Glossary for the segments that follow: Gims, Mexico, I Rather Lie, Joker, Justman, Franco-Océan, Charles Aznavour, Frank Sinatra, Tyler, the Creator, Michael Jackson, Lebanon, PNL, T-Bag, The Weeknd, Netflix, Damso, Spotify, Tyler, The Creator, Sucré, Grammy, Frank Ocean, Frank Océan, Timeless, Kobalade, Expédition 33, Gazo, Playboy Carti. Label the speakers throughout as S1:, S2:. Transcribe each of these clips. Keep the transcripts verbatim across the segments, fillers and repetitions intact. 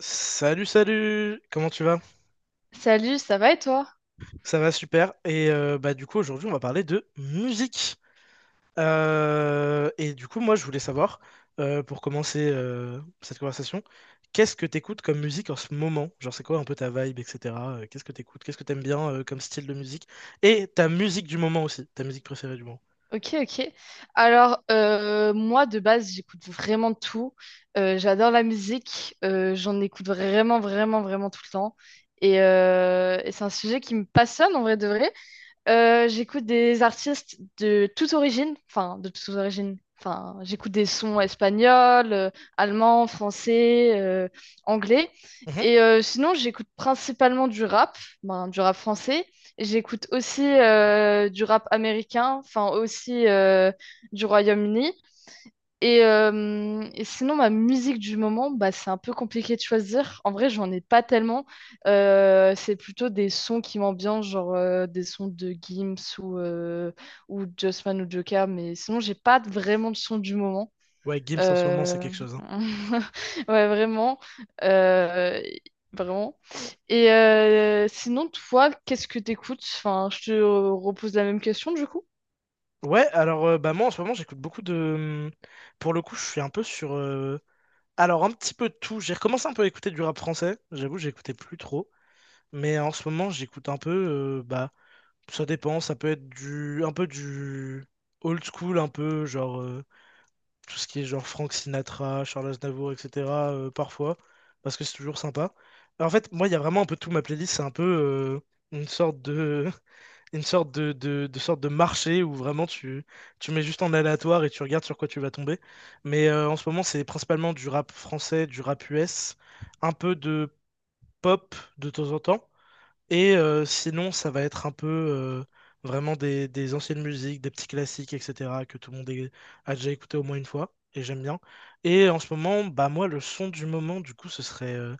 S1: Salut, salut! Comment tu vas?
S2: Salut, ça va et toi?
S1: Ça va super. Et euh, bah du coup aujourd'hui on va parler de musique. Euh, et du coup moi je voulais savoir, euh, pour commencer euh, cette conversation, qu'est-ce que t'écoutes comme musique en ce moment? Genre c'est quoi un peu ta vibe, et cetera euh, qu'est-ce que t'écoutes? Qu'est-ce que t'aimes bien euh, comme style de musique? Et ta musique du moment aussi, ta musique préférée du moment.
S2: Ok, ok. Alors, euh, moi, de base, j'écoute vraiment tout. Euh, j'adore la musique. Euh, j'en écoute vraiment, vraiment, vraiment tout le temps. Et, euh, et c'est un sujet qui me passionne en vrai de vrai. Euh, j'écoute des artistes de toute origine, enfin de toutes origines. Enfin, j'écoute des sons espagnols, euh, allemands, français, euh, anglais.
S1: Mhm.
S2: Et euh, sinon, j'écoute principalement du rap, ben, du rap français. Et j'écoute aussi euh, du rap américain, enfin aussi euh, du Royaume-Uni. Et, euh, et sinon, ma musique du moment, bah, c'est un peu compliqué de choisir. En vrai, j'en ai pas tellement. Euh, c'est plutôt des sons qui m'ambiancent, genre euh, des sons de Gims ou, euh, ou Justman ou Joker. Mais sinon, j'ai pas vraiment de son du moment.
S1: Ouais, Gims en ce moment c'est
S2: Euh,
S1: quelque chose, hein.
S2: Ouais, vraiment. Euh, Vraiment. Et euh, sinon, toi, qu'est-ce que t'écoutes? Enfin, je te repose la même question du coup.
S1: Ouais, alors euh, bah moi en ce moment j'écoute beaucoup de... Pour le coup je suis un peu sur... euh, Alors, un petit peu de tout. J'ai recommencé un peu à écouter du rap français. J'avoue, j'écoutais plus trop. Mais en ce moment, j'écoute un peu. euh, bah, ça dépend. Ça peut être du, un peu du old school, un peu genre euh, tout ce qui est genre Frank Sinatra, Charles Aznavour, et cetera, euh, parfois, parce que c'est toujours sympa. En fait, moi, il y a vraiment un peu tout. Ma playlist, c'est un peu euh, une sorte de une sorte de, de, de sorte de marché où vraiment tu, tu mets juste en aléatoire et tu regardes sur quoi tu vas tomber. Mais euh, en ce moment, c'est principalement du rap français, du rap U S, un peu de pop de temps en temps. Et euh, sinon, ça va être un peu euh, vraiment des, des anciennes musiques, des petits classiques, et cetera, que tout le monde est- a déjà écouté au moins une fois. Et j'aime bien. Et en ce moment, bah moi, le son du moment, du coup, ce serait euh,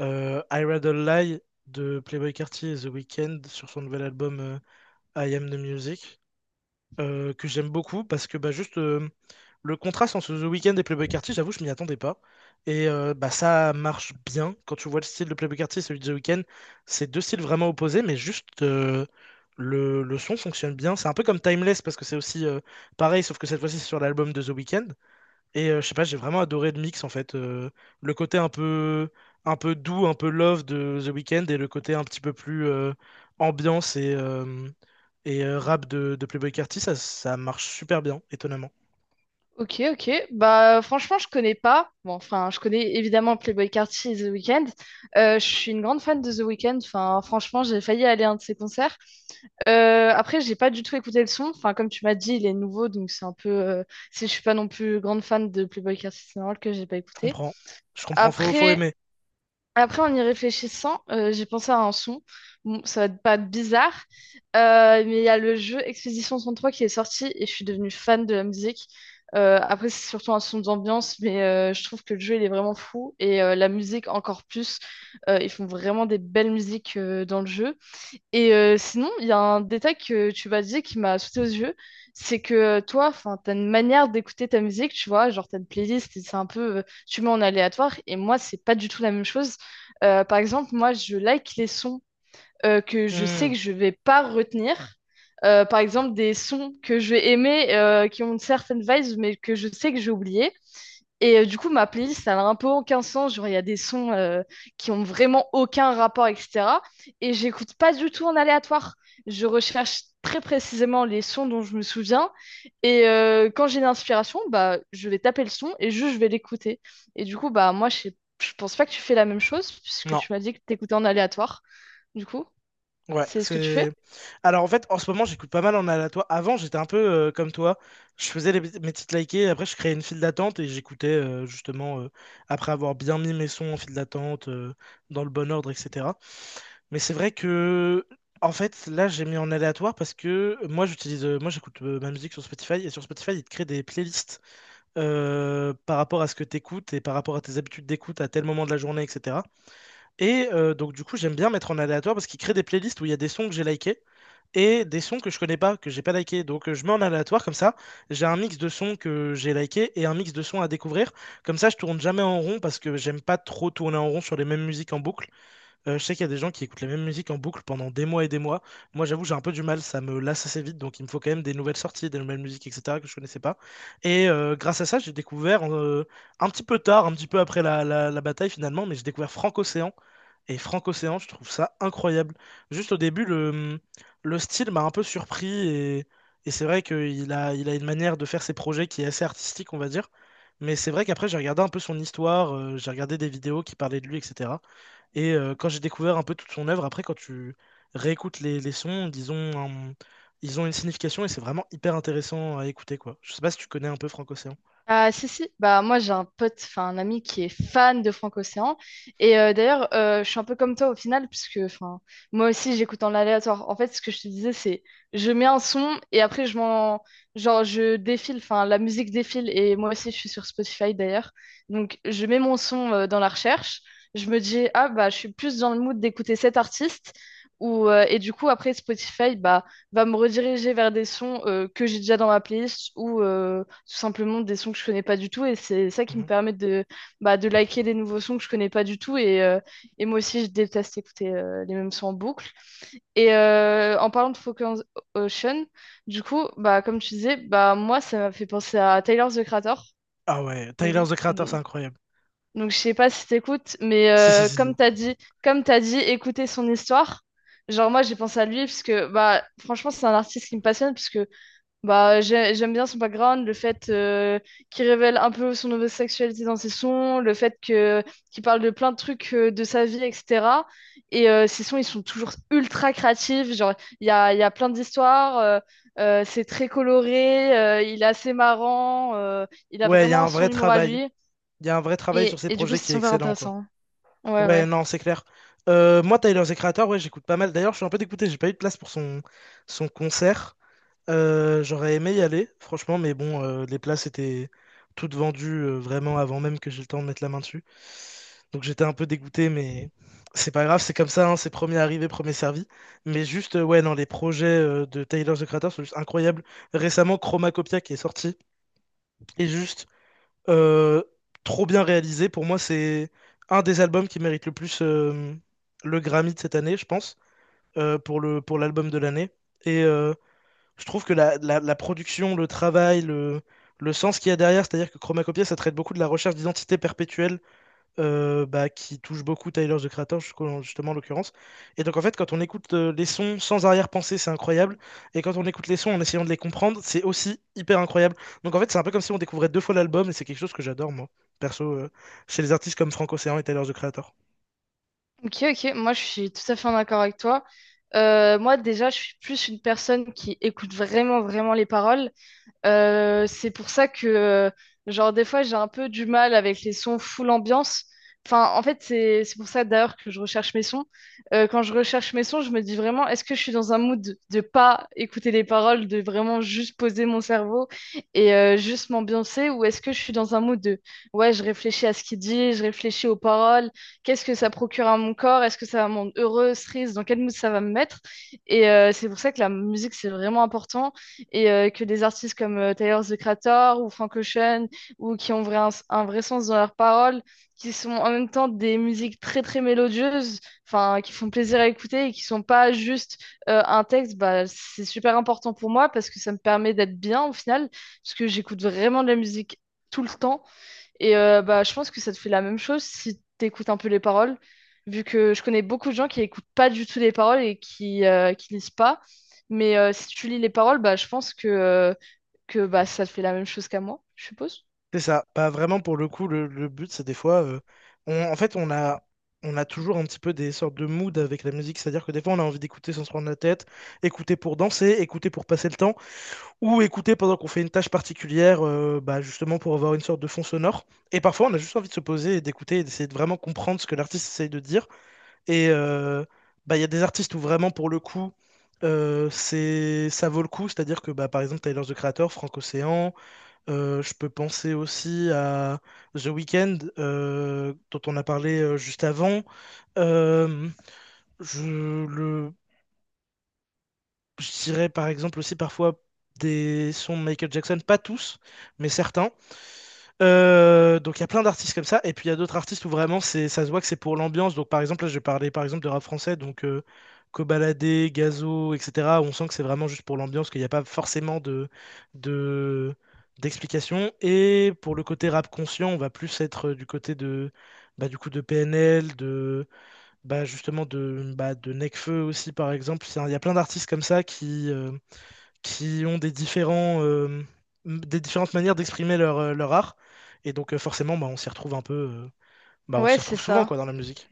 S1: euh, I Rather Lie de Playboi Carti et The Weeknd sur son nouvel album euh, I Am The Music, euh, que j'aime beaucoup parce que bah, juste euh, le contraste entre The Weeknd et Playboi Carti, j'avoue, je m'y attendais pas. Et euh, bah, ça marche bien quand tu vois le style de Playboi Carti et celui de The Weeknd. C'est deux styles vraiment opposés, mais juste euh, le, le son fonctionne bien. C'est un peu comme Timeless parce que c'est aussi euh, pareil, sauf que cette fois-ci c'est sur l'album de The Weeknd. Et euh, je sais pas, j'ai vraiment adoré le mix en fait. Euh, le côté un peu, un peu doux, un peu love de The Weeknd et le côté un petit peu plus euh, ambiance et, euh, et euh, rap de, de Playboi Carti, ça, ça marche super bien, étonnamment.
S2: Ok, ok. Bah, franchement, je connais pas. Bon, enfin, je connais évidemment Playboy Carti et The Weeknd. Euh, je suis une grande fan de The Weeknd. Enfin, franchement, j'ai failli aller à un de ses concerts. Euh, après, j'ai pas du tout écouté le son. Enfin, comme tu m'as dit, il est nouveau, donc c'est un peu. Euh, c'est- je suis pas non plus grande fan de Playboy Carti, c'est normal que j'ai pas
S1: Je
S2: écouté.
S1: comprends. Je comprends, faut, faut
S2: Après,
S1: aimer.
S2: après, en y réfléchissant, euh, j'ai pensé à un son. Bon, ça va pas être bizarre, euh, mais il y a le jeu Expédition trente-trois qui est sorti et je suis devenue fan de la musique. Euh, après, c'est surtout un son d'ambiance, mais euh, je trouve que le jeu, il est vraiment fou et euh, la musique encore plus. Euh, ils font vraiment des belles musiques euh, dans le jeu. Et euh, sinon, il y a un détail que tu vas dire qui m'a sauté aux yeux, c'est que euh, toi, enfin, t'as une manière d'écouter ta musique, tu vois, genre t'as une playlist, et c'est un peu, euh, tu mets en aléatoire, et moi, c'est pas du tout la même chose. Euh, par exemple, moi, je like les sons euh, que je sais
S1: Hmm,
S2: que je vais pas retenir. Euh, par exemple, des sons que je vais aimer, euh, qui ont une certaine vibe, mais que je sais que j'ai oublié. Et euh, du coup, ma playlist, elle a un peu aucun sens. Genre, il y a des sons euh, qui ont vraiment aucun rapport, et cetera. Et j'écoute pas du tout en aléatoire. Je recherche très précisément les sons dont je me souviens. Et euh, quand j'ai une inspiration, bah, je vais taper le son et juste je vais l'écouter. Et du coup, bah, moi, je sais- je pense pas que tu fais la même chose, puisque
S1: non,
S2: tu m'as dit que t'écoutais en aléatoire. Du coup,
S1: ouais,
S2: c'est ce que tu fais?
S1: c'est. Alors en fait, en ce moment, j'écoute pas mal en aléatoire. Avant, j'étais un peu euh, comme toi. Je faisais les- mes titres likés, après, je créais une file d'attente et j'écoutais euh, justement, euh, après avoir bien mis mes sons en file d'attente, euh, dans le bon ordre, et cetera. Mais c'est vrai que, en fait, là, j'ai mis en aléatoire parce que moi, j'utilise, euh, moi, j'écoute euh, ma musique sur Spotify et sur Spotify, il te crée des playlists euh, par rapport à ce que tu écoutes et par rapport à tes habitudes d'écoute à tel moment de la journée, et cetera. Et euh, donc, du coup, j'aime bien mettre en aléatoire parce qu'il crée des playlists où il y a des sons que j'ai likés et des sons que je connais pas, que j'ai pas liké. Donc euh, je mets en aléatoire comme ça. J'ai un mix de sons que j'ai liké et un mix de sons à découvrir. Comme ça, je tourne jamais en rond parce que j'aime pas trop tourner en rond sur les mêmes musiques en boucle. Euh, je sais qu'il y a des gens qui écoutent la même musique en boucle pendant des mois et des mois. Moi, j'avoue, j'ai un peu du mal, ça me lasse assez vite, donc il me faut quand même des nouvelles sorties, des nouvelles musiques, et cetera, que je connaissais pas. Et euh, grâce à ça, j'ai découvert, euh, un petit peu tard, un petit peu après la, la- la bataille finalement, mais j'ai découvert Frank océan. Et Frank océan je trouve ça incroyable. Juste au début, le, le style m'a un peu surpris, et, et c'est vrai qu'il a, il a une manière de faire ses projets qui est assez artistique, on va dire. Mais c'est vrai qu'après, j'ai regardé un peu son histoire, euh, j'ai regardé des vidéos qui parlaient de lui, et cetera. Et euh, quand j'ai découvert un peu toute son œuvre, après, quand tu réécoutes les, les sons, ils ont, un- ils ont une signification et c'est vraiment hyper intéressant à écouter, quoi. Je sais pas si tu connais un peu Frank-Océan.
S2: Ah, si, si, bah, moi j'ai un pote, enfin un ami qui est fan de Franco-Océan. Et euh, d'ailleurs, euh, je suis un peu comme toi au final, puisque enfin, moi aussi j'écoute en aléatoire. En fait, ce que je te disais, c'est je mets un son et après je m'en. Genre, je défile, enfin la musique défile et moi aussi je suis sur Spotify d'ailleurs. Donc, je mets mon son euh, dans la recherche. Je me dis, ah bah, je suis plus dans le mood d'écouter cet artiste. Ou, euh, et du coup, après Spotify, bah va me rediriger vers des sons euh, que j'ai déjà dans ma playlist ou euh, tout simplement des sons que je connais pas du tout. Et c'est ça qui me
S1: Mhm.
S2: permet de, bah, de liker des nouveaux sons que je connais pas du tout. Et, euh, et moi aussi, je déteste écouter euh, les mêmes sons en boucle. Et euh, en parlant de Focus Ocean, du coup, bah, comme tu disais, bah, moi, ça m'a fait penser à Tyler, The Creator.
S1: Ah ouais,
S2: Donc,
S1: Tyler, the Creator, c'est
S2: donc
S1: incroyable.
S2: je sais pas si t'écoutes, mais
S1: Si, si,
S2: euh,
S1: si,
S2: comme
S1: si.
S2: t'as dit, comme t'as dit, écouter son histoire. Genre moi j'ai pensé à lui parce que bah franchement c'est un artiste qui me passionne parce que bah, j'ai- j'aime bien son background, le fait euh, qu'il révèle un peu son homosexualité dans ses sons, le fait que qu'il parle de plein de trucs euh, de sa vie, et cetera. Et euh, ses sons, ils sont toujours ultra créatifs. Genre, il y a, il y a plein d'histoires, euh, euh, c'est très coloré, euh, il est assez marrant, euh, il a
S1: Ouais, il y a
S2: vraiment
S1: un
S2: son
S1: vrai
S2: humour à
S1: travail.
S2: lui.
S1: Il y a un vrai travail sur
S2: Et,
S1: ces
S2: et du coup,
S1: projets
S2: c'est
S1: qui est
S2: super
S1: excellent, quoi.
S2: intéressant. Ouais,
S1: Ouais,
S2: ouais.
S1: non, c'est clair. Euh, moi, Tyler, the Creator, ouais, j'écoute pas mal. D'ailleurs, je suis un peu dégoûté, j'ai pas eu de place pour son, son concert. Euh, j'aurais aimé y aller, franchement, mais bon, euh, les places étaient toutes vendues euh, vraiment avant même que j'ai le temps de mettre la main dessus. Donc j'étais un peu dégoûté, mais c'est pas grave, c'est comme ça, hein, c'est premier arrivé, premier servi. Mais juste, euh, ouais, non, les projets euh, de Tyler, the Creator sont juste incroyables. Récemment, Chromacopia qui est sorti est juste euh, trop bien réalisé. Pour moi, c'est un des albums qui mérite le plus euh, le Grammy de cette année, je pense, euh, pour le, pour l'album de l'année. Et euh, je trouve que la, la- la production, le travail, le, le sens qu'il y a derrière, c'est-à-dire que Chromacopia, ça traite beaucoup de la recherche d'identité perpétuelle euh, bah, qui touche beaucoup Tyler, The Creator, jusqu'au- justement, en l'occurrence. Et donc, en fait, quand on écoute euh, les sons sans arrière-pensée, c'est incroyable. Et quand on écoute les sons en essayant de les comprendre, c'est aussi hyper incroyable. Donc, en fait, c'est un peu comme si on découvrait deux fois l'album, et c'est quelque chose que j'adore, moi, perso, euh, chez les artistes comme Frank Ocean et Tyler, The Creator.
S2: Ok, ok, moi je suis tout à fait en accord avec toi. Euh, moi, déjà, je suis plus une personne qui écoute vraiment, vraiment les paroles. Euh, c'est pour ça que, euh, genre, des fois, j'ai un peu du mal avec les sons full ambiance. Enfin, en fait, c'est c'est pour ça d'ailleurs que je recherche mes sons. Euh, quand je recherche mes sons, je me dis vraiment, est-ce que je suis dans un mood de, de pas écouter les paroles, de vraiment juste poser mon cerveau et euh, juste m'ambiancer, ou est-ce que je suis dans un mood de, ouais, je réfléchis à ce qu'il dit, je réfléchis aux paroles, qu'est-ce que ça procure à mon corps, est-ce que ça va me rendre heureuse, triste, dans quel mood ça va me mettre? Et euh, c'est pour ça que la musique, c'est vraiment important et euh, que des artistes comme euh, Tyler the Creator ou Frank Ocean ou qui ont vrai- un, un vrai sens dans leurs paroles, qui sont en même temps des musiques très très mélodieuses, enfin qui font plaisir à écouter et qui sont pas juste euh, un texte, bah, c'est super important pour moi parce que ça me permet d'être bien au final, parce que j'écoute vraiment de la musique tout le temps et euh, bah, je pense que ça te fait la même chose si t'écoutes un peu les paroles, vu que je connais beaucoup de gens qui écoutent pas du tout les paroles et qui, euh, qui lisent pas. Mais euh, si tu lis les paroles, bah, je pense que, euh, que bah, ça te fait la même chose qu'à moi, je suppose.
S1: C'est ça. Pas vraiment pour le coup, le, le but, c'est des fois, euh, on- en fait, on a, on a toujours un petit peu des sortes de moods avec la musique, c'est-à-dire que des fois, on a envie d'écouter sans se prendre la tête, écouter pour danser, écouter pour passer le temps, ou écouter pendant qu'on fait une tâche particulière, euh, bah, justement pour avoir une sorte de fond sonore. Et parfois, on a juste envie de se poser et d'écouter et d'essayer de vraiment comprendre ce que l'artiste essaye de dire. Et euh, bah, il y a des artistes où vraiment, pour le coup, euh, c'est, ça vaut le coup, c'est-à-dire que, bah, par exemple, Tyler, The Creator, Frank Ocean. Euh, je peux penser aussi à The Weeknd, euh, dont on a parlé euh, juste avant. Euh, je le, je dirais par exemple aussi parfois des sons de Michael Jackson, pas tous, mais certains. Euh, donc il y a plein d'artistes comme ça, et puis il y a d'autres artistes où vraiment c'est, ça se voit que c'est pour l'ambiance. Donc par exemple, là je parlais par exemple de rap français, donc euh, Kobalade, Gazo, et cetera, où on sent que c'est vraiment juste pour l'ambiance, qu'il n'y a pas forcément de, de, d'explication. Et pour le côté rap conscient, on va plus être euh, du côté de, bah, du coup, de P N L, de, bah, justement de, bah, de Nekfeu aussi par exemple. C'est un- Il y a plein d'artistes comme ça qui, euh, qui ont des différents, euh, des différentes manières d'exprimer leur, euh, leur art. Et donc euh, forcément, bah, on s'y retrouve un peu, euh, bah, on
S2: Ouais,
S1: s'y
S2: c'est
S1: retrouve souvent
S2: ça.
S1: quoi dans la musique.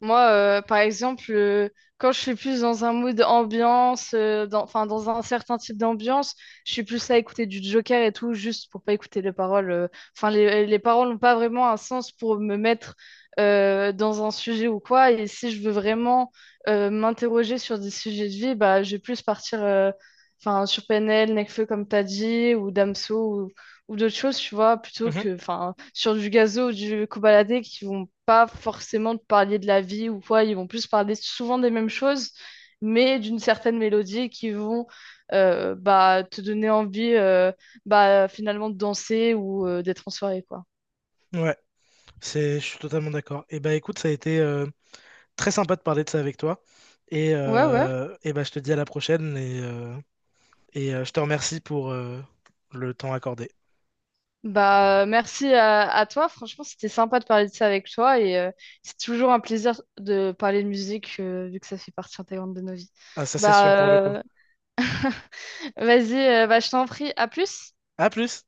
S2: Moi, euh, par exemple, euh, quand je suis plus dans un mood ambiance, euh, dans, enfin, dans un certain type d'ambiance, je suis plus à écouter du Joker et tout, juste pour pas écouter les paroles. euh. Enfin, les, les paroles n'ont pas vraiment un sens pour me mettre euh, dans un sujet ou quoi. Et si je veux vraiment euh, m'interroger sur des sujets de vie, bah, je vais plus partir euh, enfin, sur P N L, Nekfeu, comme t'as dit, ou Damso, ou d'autres choses, tu vois, plutôt
S1: Mhm.
S2: que enfin sur du gazo ou du cobaladé qui vont pas forcément te parler de la vie ou quoi, ils vont plus parler souvent des mêmes choses, mais d'une certaine mélodie qui vont euh, bah, te donner envie euh, bah, finalement de danser ou euh, d'être en soirée, quoi.
S1: Ouais, c'est, je suis totalement d'accord. Et bah écoute, ça a été euh, très sympa de parler de ça avec toi. Et,
S2: Ouais, ouais.
S1: euh, et bah, je te dis à la prochaine et, euh, et euh, je te remercie pour euh, le temps accordé.
S2: Bah, merci à, à toi. Franchement, c'était sympa de parler de ça avec toi et euh, c'est toujours un plaisir de parler de musique euh, vu que ça fait partie intégrante de nos vies.
S1: Ah, ça c'est sûr
S2: Bah,
S1: pour le coup.
S2: euh, Vas-y, euh, bah, je t'en prie. À plus.
S1: À plus!